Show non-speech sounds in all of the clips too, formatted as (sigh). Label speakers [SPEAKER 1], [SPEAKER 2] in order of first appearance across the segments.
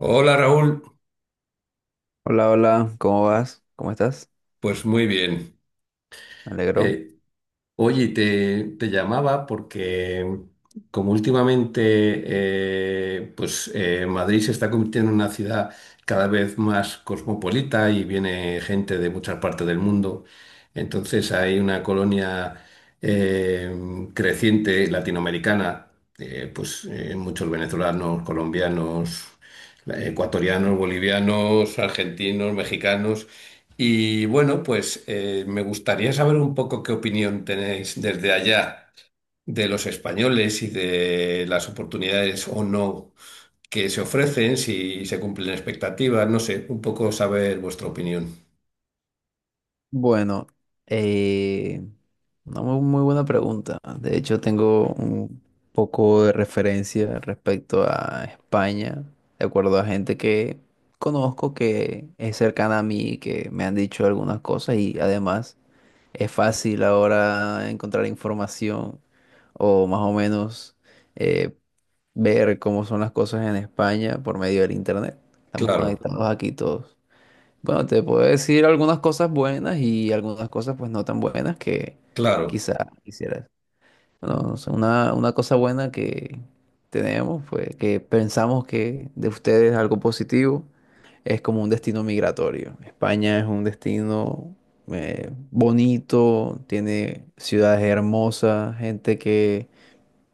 [SPEAKER 1] Hola, Raúl,
[SPEAKER 2] Hola, hola, ¿cómo vas? ¿Cómo estás?
[SPEAKER 1] pues muy bien.
[SPEAKER 2] Me alegro.
[SPEAKER 1] Eh, oye, te llamaba porque como últimamente Madrid se está convirtiendo en una ciudad cada vez más cosmopolita y viene gente de muchas partes del mundo, entonces hay una colonia eh, creciente latinoamericana, muchos venezolanos, colombianos, ecuatorianos, bolivianos, argentinos, mexicanos. Y bueno, pues me gustaría saber un poco qué opinión tenéis desde allá de los españoles y de las oportunidades o no que se ofrecen, si se cumplen expectativas, no sé, un poco saber vuestra opinión.
[SPEAKER 2] Bueno, eh, una muy buena pregunta. De hecho, tengo un poco de referencia respecto a España, de acuerdo a gente que conozco que es cercana a mí, que me han dicho algunas cosas y además es fácil ahora encontrar información o más o menos eh, ver cómo son las cosas en España por medio del internet. Estamos
[SPEAKER 1] Claro,
[SPEAKER 2] conectados aquí todos. Bueno, te puedo decir algunas cosas buenas y algunas cosas pues no tan buenas que
[SPEAKER 1] claro.
[SPEAKER 2] quizás quisieras. Bueno, no sé, una cosa buena que tenemos, pues que pensamos que de ustedes es algo positivo, es como un destino migratorio. España es un destino bonito, tiene ciudades hermosas, gente que,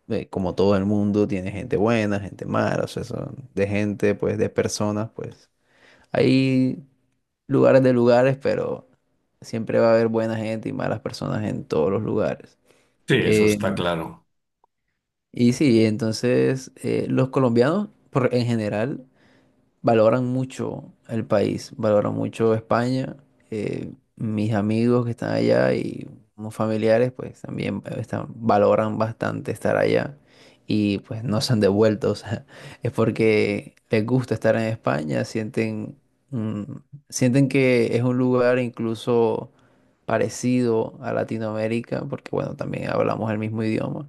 [SPEAKER 2] como todo el mundo, tiene gente buena, gente mala, o sea, son de gente, pues de personas, pues. Ahí lugares de lugares, pero siempre va a haber buena gente y malas personas en todos los lugares.
[SPEAKER 1] Sí, eso
[SPEAKER 2] Eh,
[SPEAKER 1] está claro.
[SPEAKER 2] y sí, entonces los colombianos en general valoran mucho el país, valoran mucho España. Mis amigos que están allá y unos familiares, pues también valoran bastante estar allá y pues no se han devuelto. O sea, (laughs) es porque les gusta estar en España, mm, sienten que es un lugar incluso parecido a Latinoamérica, porque bueno, también hablamos el mismo idioma.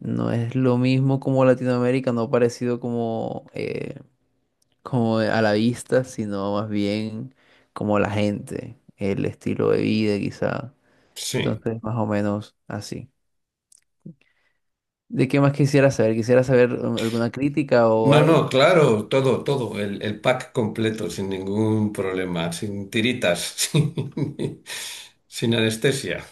[SPEAKER 2] No es lo mismo como Latinoamérica, no parecido como a la vista, sino más bien como la gente, el estilo de vida quizá.
[SPEAKER 1] Sí.
[SPEAKER 2] Entonces, más o menos así. ¿De qué más quisiera saber? ¿Quisiera saber alguna crítica o
[SPEAKER 1] No,
[SPEAKER 2] algo?
[SPEAKER 1] no, claro, todo, todo, el pack completo, sin ningún problema, sin tiritas, (laughs) sin sin anestesia.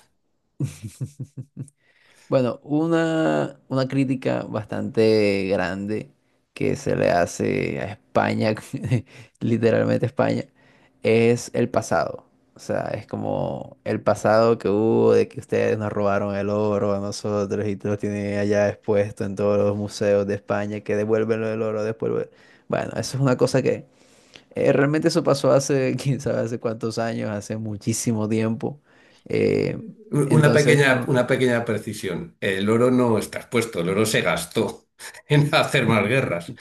[SPEAKER 2] Bueno, una crítica bastante grande que se le hace a España, (laughs) literalmente España, es el pasado. O sea, es como el pasado que hubo de que ustedes nos robaron el oro a nosotros y lo tienen allá expuesto en todos los museos de España, que devuelven el oro después. Bueno, eso es una cosa que realmente eso pasó hace, (laughs) quién sabe, hace cuántos años, hace muchísimo tiempo. Eh, entonces, no,
[SPEAKER 1] Una pequeña precisión. El oro no está expuesto, el oro se gastó (laughs) en hacer más guerras.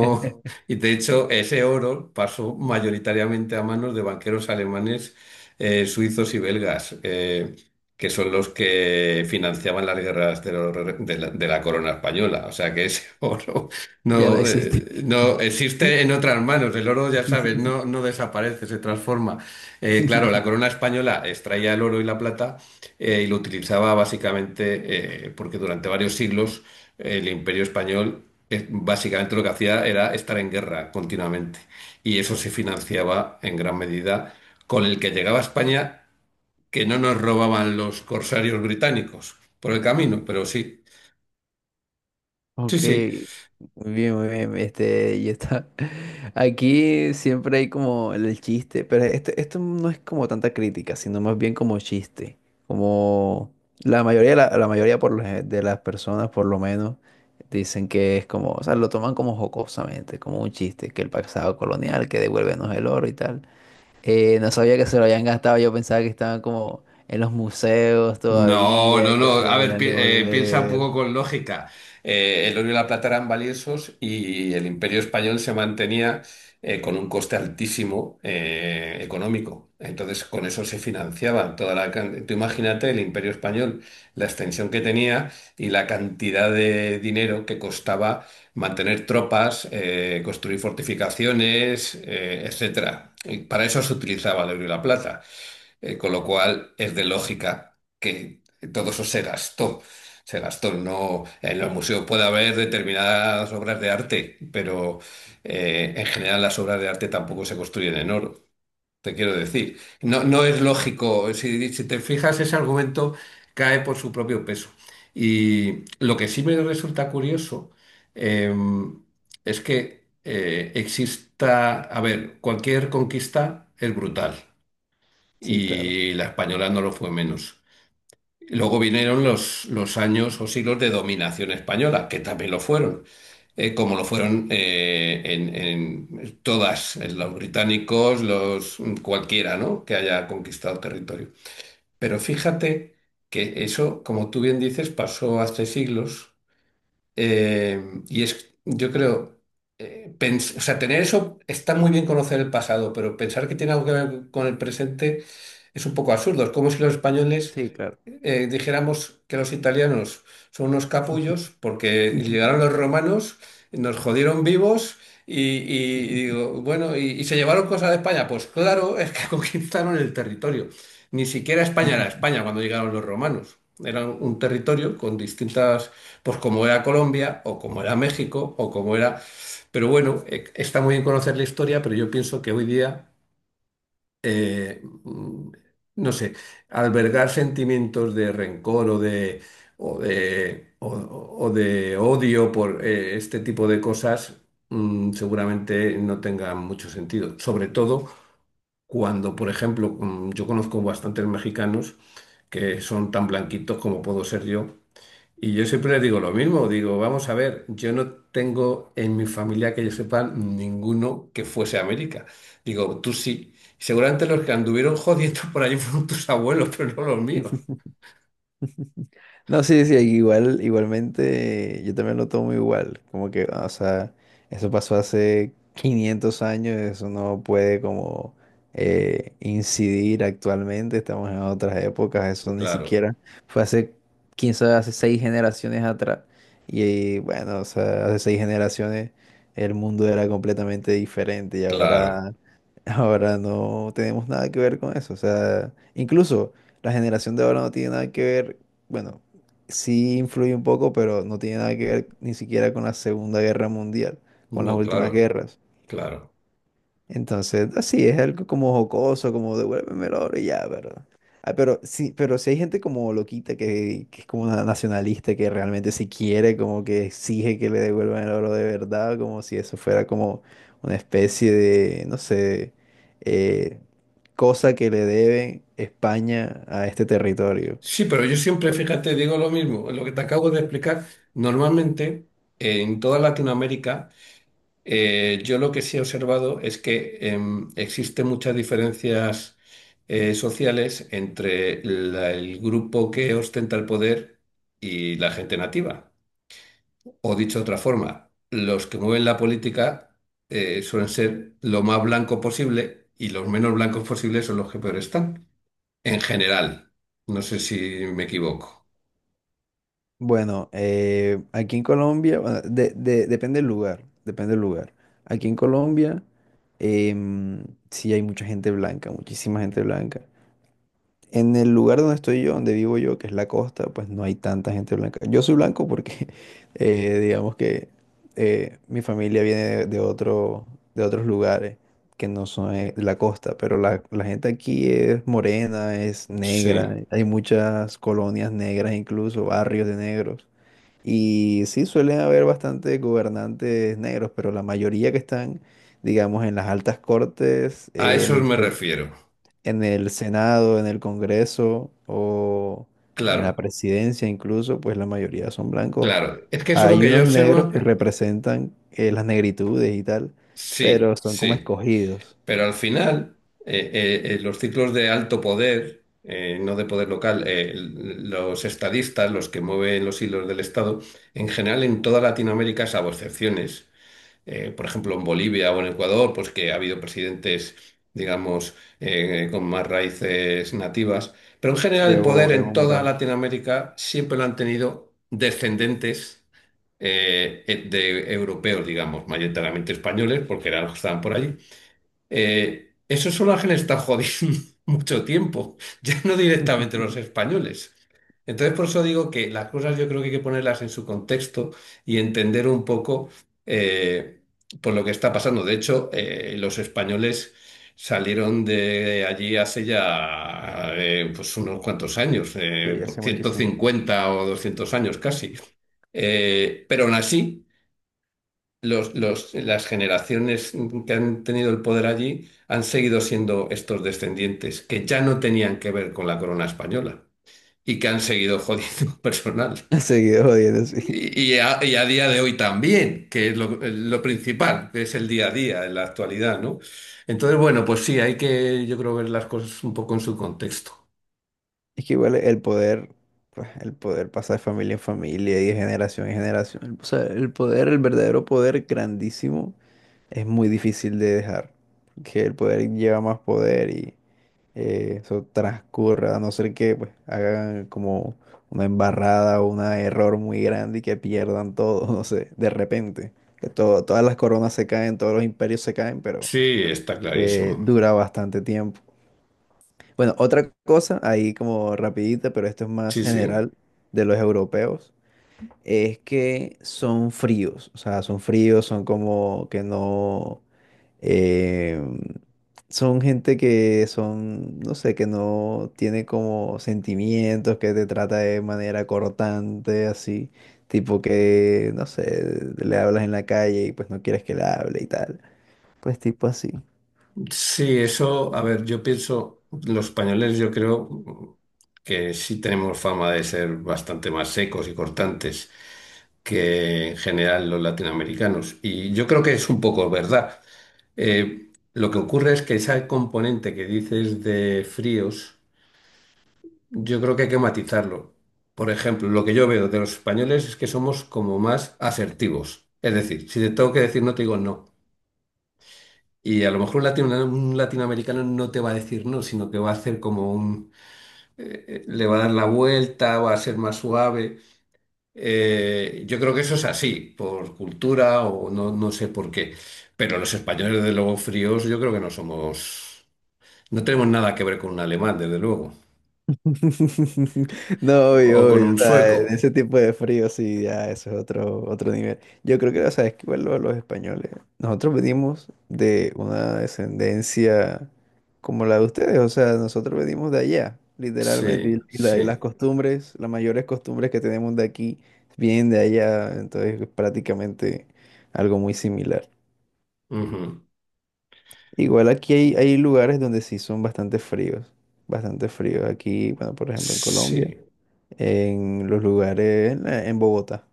[SPEAKER 2] (laughs)
[SPEAKER 1] y de hecho, ese oro pasó mayoritariamente a manos de banqueros alemanes, suizos y belgas, que son los que financiaban las guerras de, de la corona española. O sea que ese (laughs) oro
[SPEAKER 2] ya no
[SPEAKER 1] no,
[SPEAKER 2] existe.
[SPEAKER 1] no existe
[SPEAKER 2] (laughs)
[SPEAKER 1] en otras manos. El oro, ya sabes, no, no desaparece, se transforma. Claro, la corona española extraía el oro y la plata y lo utilizaba básicamente porque durante varios siglos el imperio español básicamente lo que hacía era estar en guerra continuamente y eso se financiaba en gran medida con el que llegaba a España que no nos robaban los corsarios británicos por el camino, pero sí, sí,
[SPEAKER 2] Ok,
[SPEAKER 1] sí.
[SPEAKER 2] muy bien, muy bien. Este, yo está. (laughs) Aquí siempre hay como el chiste, pero este, esto no es como tanta crítica, sino más bien como chiste. Como la mayoría de las personas, por lo menos, dicen que es como, o sea, lo toman como jocosamente, como un chiste, que el pasado colonial, que devuélvenos el oro y tal. No sabía que se lo habían gastado, yo pensaba que estaban como en los museos
[SPEAKER 1] No, no,
[SPEAKER 2] todavía, que
[SPEAKER 1] no.
[SPEAKER 2] se
[SPEAKER 1] A
[SPEAKER 2] lo
[SPEAKER 1] ver,
[SPEAKER 2] podían
[SPEAKER 1] piensa un
[SPEAKER 2] devolver.
[SPEAKER 1] poco con lógica. El oro y la plata eran valiosos y el Imperio Español se mantenía con un coste altísimo económico. Entonces, con eso se financiaba tú imagínate el Imperio Español, la extensión que tenía y la cantidad de dinero que costaba mantener tropas, construir fortificaciones, etcétera. Y para eso se utilizaba el oro y la plata. Con lo cual es de lógica que todo eso se gastó. Se gastó, no, en los museos puede haber determinadas obras de arte, pero en general las obras de arte tampoco se construyen en oro. Te quiero decir, no, no es lógico, si, si te fijas, ese argumento cae por su propio peso. Y lo que sí me resulta curioso em, es que exista, a ver, cualquier conquista es brutal
[SPEAKER 2] Sí, claro.
[SPEAKER 1] y la española no lo fue menos. Luego vinieron los años o siglos de dominación española, que también lo fueron, como lo fueron en todas, en los británicos, los cualquiera, ¿no? que haya conquistado territorio. Pero fíjate que eso, como tú bien dices, pasó hace siglos eh, y es, yo creo, o sea, tener eso está muy bien conocer el pasado, pero pensar que tiene algo que ver con el presente es un poco absurdo. Es como si los españoles
[SPEAKER 2] Sí, claro.
[SPEAKER 1] dijéramos que los italianos son unos capullos porque llegaron los romanos, nos jodieron vivos y
[SPEAKER 2] (laughs)
[SPEAKER 1] digo, bueno, y se llevaron cosas de España. Pues claro, es que (laughs) conquistaron el territorio. Ni siquiera España era España cuando llegaron los romanos. Era un territorio con distintas, pues como era Colombia o como era México o como era... Pero bueno, está muy bien conocer la historia, pero yo pienso que hoy día eh, mm, no sé, albergar sentimientos de rencor o de, o de, o de odio por este tipo de cosas, mm, seguramente no tenga mucho sentido. Sobre todo cuando, por ejemplo, mm, yo conozco bastantes mexicanos que son tan blanquitos como puedo ser yo y yo siempre les digo lo mismo, digo, vamos a ver, yo no tengo en mi familia que yo sepa ninguno que fuese a América. Digo, tú sí. Seguramente los que anduvieron jodiendo (laughs) por allí fueron tus abuelos, pero no los míos.
[SPEAKER 2] No, sí, sí, igualmente, yo también lo tomo igual, como que, o sea, eso pasó hace 500 años, eso no puede como incidir actualmente, estamos en otras épocas, eso ni
[SPEAKER 1] Claro,
[SPEAKER 2] siquiera fue hace, quién sabe, hace 6 generaciones atrás, y bueno, o sea, hace 6 generaciones el mundo era completamente diferente y
[SPEAKER 1] claro.
[SPEAKER 2] ahora, (laughs) ahora no tenemos nada que ver con eso, o sea, incluso la generación de ahora no tiene nada que ver, bueno sí influye un poco, pero no tiene nada que ver ni siquiera con la Segunda Guerra Mundial, con las
[SPEAKER 1] No,
[SPEAKER 2] últimas
[SPEAKER 1] claro,
[SPEAKER 2] guerras.
[SPEAKER 1] claro.
[SPEAKER 2] Entonces, así es algo como jocoso, como devuélveme el oro y ya, ¿verdad? Ah, pero sí, pero si hay gente como loquita que es como una nacionalista que realmente si quiere, como que exige que le devuelvan el oro de verdad, como si eso fuera como una especie de, no sé, eh, cosa que le debe España a este territorio.
[SPEAKER 1] Sí, pero yo siempre, fíjate, digo lo mismo, lo que te acabo de explicar. Normalmente, en toda Latinoamérica, yo lo que sí he observado es que existen muchas diferencias sociales entre el grupo que ostenta el poder y la gente nativa. O dicho de otra forma, los que mueven la política suelen ser lo más blanco posible y los menos blancos posibles son los que peor están. En general, no sé si me equivoco.
[SPEAKER 2] Bueno, aquí en Colombia, bueno, depende del lugar, depende del lugar. Aquí en Colombia, em, sí hay mucha gente blanca, muchísima gente blanca. En el lugar donde estoy yo, donde vivo yo, que es la costa, pues no hay tanta gente blanca. Yo soy blanco porque, (laughs) digamos que mi familia viene de otros lugares que no son la costa, pero la gente aquí es morena, es negra,
[SPEAKER 1] Sí,
[SPEAKER 2] hay muchas colonias negras, incluso barrios de negros. Y sí, suelen haber bastante gobernantes negros, pero la mayoría que están, digamos, en las altas cortes,
[SPEAKER 1] a eso me refiero.
[SPEAKER 2] en el Senado, en el Congreso o en la
[SPEAKER 1] Claro,
[SPEAKER 2] presidencia incluso, pues la mayoría son blancos.
[SPEAKER 1] claro. Es que eso es lo
[SPEAKER 2] Hay
[SPEAKER 1] que yo
[SPEAKER 2] unos negros
[SPEAKER 1] observo.
[SPEAKER 2] que representan las negritudes y tal, pero
[SPEAKER 1] Sí,
[SPEAKER 2] son como
[SPEAKER 1] sí.
[SPEAKER 2] escogidos.
[SPEAKER 1] Pero al final, eh, los ciclos de alto poder, no de poder local, los estadistas, los que mueven los hilos del Estado, en general en toda Latinoamérica, salvo excepciones, por ejemplo en Bolivia o en Ecuador, pues que ha habido presidentes, digamos, con más raíces nativas, pero en
[SPEAKER 2] Sí,
[SPEAKER 1] general el poder
[SPEAKER 2] Evo,
[SPEAKER 1] en
[SPEAKER 2] Evo
[SPEAKER 1] toda
[SPEAKER 2] Morales.
[SPEAKER 1] Latinoamérica siempre lo han tenido descendentes de europeos, digamos, mayoritariamente españoles, porque eran los que estaban por allí esos solajes están jodiendo (laughs) mucho tiempo, ya no directamente los
[SPEAKER 2] (laughs)
[SPEAKER 1] españoles. Entonces, por eso digo que las cosas yo creo que hay que ponerlas en su contexto y entender un poco eh, por lo que está pasando. De hecho, los españoles salieron de allí hace ya pues unos cuantos años,
[SPEAKER 2] Sí,
[SPEAKER 1] por
[SPEAKER 2] hace
[SPEAKER 1] ciento
[SPEAKER 2] muchísimo. (laughs)
[SPEAKER 1] cincuenta o 200 años casi. Pero aún así las generaciones que han tenido el poder allí han seguido siendo estos descendientes que ya no tenían que ver con la corona española y que han seguido jodiendo (laughs) personal.
[SPEAKER 2] Ha seguido jodiendo, sí.
[SPEAKER 1] Y a día de hoy también, que es lo principal, que es el día a día, en la actualidad, ¿no? Entonces, bueno, pues sí, hay que, yo creo, ver las cosas un poco en su contexto.
[SPEAKER 2] Es que igual el poder, pues el poder pasa de familia en familia y de generación en generación. O sea, el poder, el verdadero poder grandísimo, es muy difícil de dejar. Que el poder lleva más poder y, eso transcurra, a no ser que pues hagan como una embarrada o un error muy grande y que pierdan todo, (laughs) no sé, de repente. Que todas las coronas se caen, todos los imperios se caen, pero
[SPEAKER 1] Sí, está clarísimo.
[SPEAKER 2] dura bastante tiempo. Bueno, otra cosa, ahí como rapidita, pero esto es más
[SPEAKER 1] Sí, sí.
[SPEAKER 2] general de los europeos, es que son fríos, o sea, son fríos, son como que no. Eh, Son gente que son, no sé, que no tiene como sentimientos, que te trata de manera cortante, así, tipo que, no sé, le hablas en la calle y pues no quieres que le hable y tal, pues tipo así.
[SPEAKER 1] Sí, eso, a ver, yo pienso, los españoles yo creo que sí tenemos fama de ser bastante más secos y cortantes que en general los latinoamericanos. Y yo creo que es un poco verdad. Lo que ocurre es que ese componente que dices de fríos, yo creo que hay que matizarlo. Por ejemplo, lo que yo veo de los españoles es que somos como más asertivos. Es decir, si te tengo que decir no, te digo no. Y a lo mejor un, un latinoamericano no te va a decir no, sino que va a hacer como un... le va a dar la vuelta, va a ser más suave. Yo creo que eso es así, por cultura o no, no sé por qué. Pero los españoles, desde luego, fríos, yo creo que no somos... No tenemos nada que ver con un alemán, desde luego.
[SPEAKER 2] (laughs) No,
[SPEAKER 1] O
[SPEAKER 2] obvio,
[SPEAKER 1] con
[SPEAKER 2] obvio,
[SPEAKER 1] un
[SPEAKER 2] o sea,
[SPEAKER 1] sueco.
[SPEAKER 2] en ese tipo de frío sí, ya eso es otro, otro nivel. Yo creo que, o sea, es que igual los españoles, nosotros venimos de una descendencia como la de ustedes, o sea, nosotros venimos de allá, literalmente,
[SPEAKER 1] Sí,
[SPEAKER 2] y las
[SPEAKER 1] sí.
[SPEAKER 2] costumbres, las mayores costumbres que tenemos de aquí vienen de allá, entonces es prácticamente algo muy similar.
[SPEAKER 1] Ujú.
[SPEAKER 2] Igual aquí hay lugares donde sí son bastante fríos, bastante fríos. Aquí, bueno, por ejemplo, en Colombia.
[SPEAKER 1] Sí.
[SPEAKER 2] En los lugares, en Bogotá.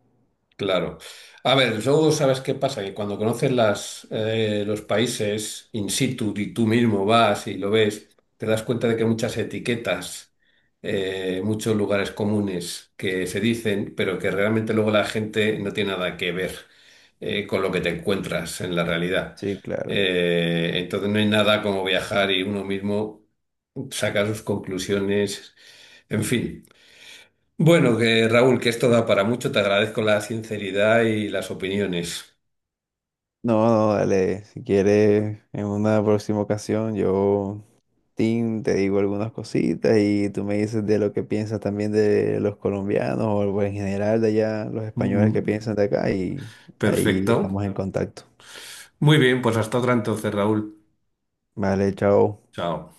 [SPEAKER 1] Claro. A ver, luego sabes qué pasa, que cuando conoces las, los países in situ y tú mismo vas y lo ves, te das cuenta de que muchas etiquetas, muchos lugares comunes que se dicen, pero que realmente luego la gente no tiene nada que ver, con lo que te encuentras en la realidad.
[SPEAKER 2] Sí, claro.
[SPEAKER 1] Entonces no hay nada como viajar y uno mismo saca sus conclusiones, en fin. Bueno, que Raúl, que esto da para mucho, te agradezco la sinceridad y las opiniones.
[SPEAKER 2] No, no, dale. Si quieres, en una próxima ocasión, yo, Tim, te digo algunas cositas y tú me dices de lo que piensas también de los colombianos o en general de allá, los españoles que
[SPEAKER 1] Mm.
[SPEAKER 2] piensan de acá y ahí estamos
[SPEAKER 1] Perfecto.
[SPEAKER 2] en contacto.
[SPEAKER 1] Muy bien, pues hasta otra entonces, Raúl.
[SPEAKER 2] Vale, chao.
[SPEAKER 1] Chao.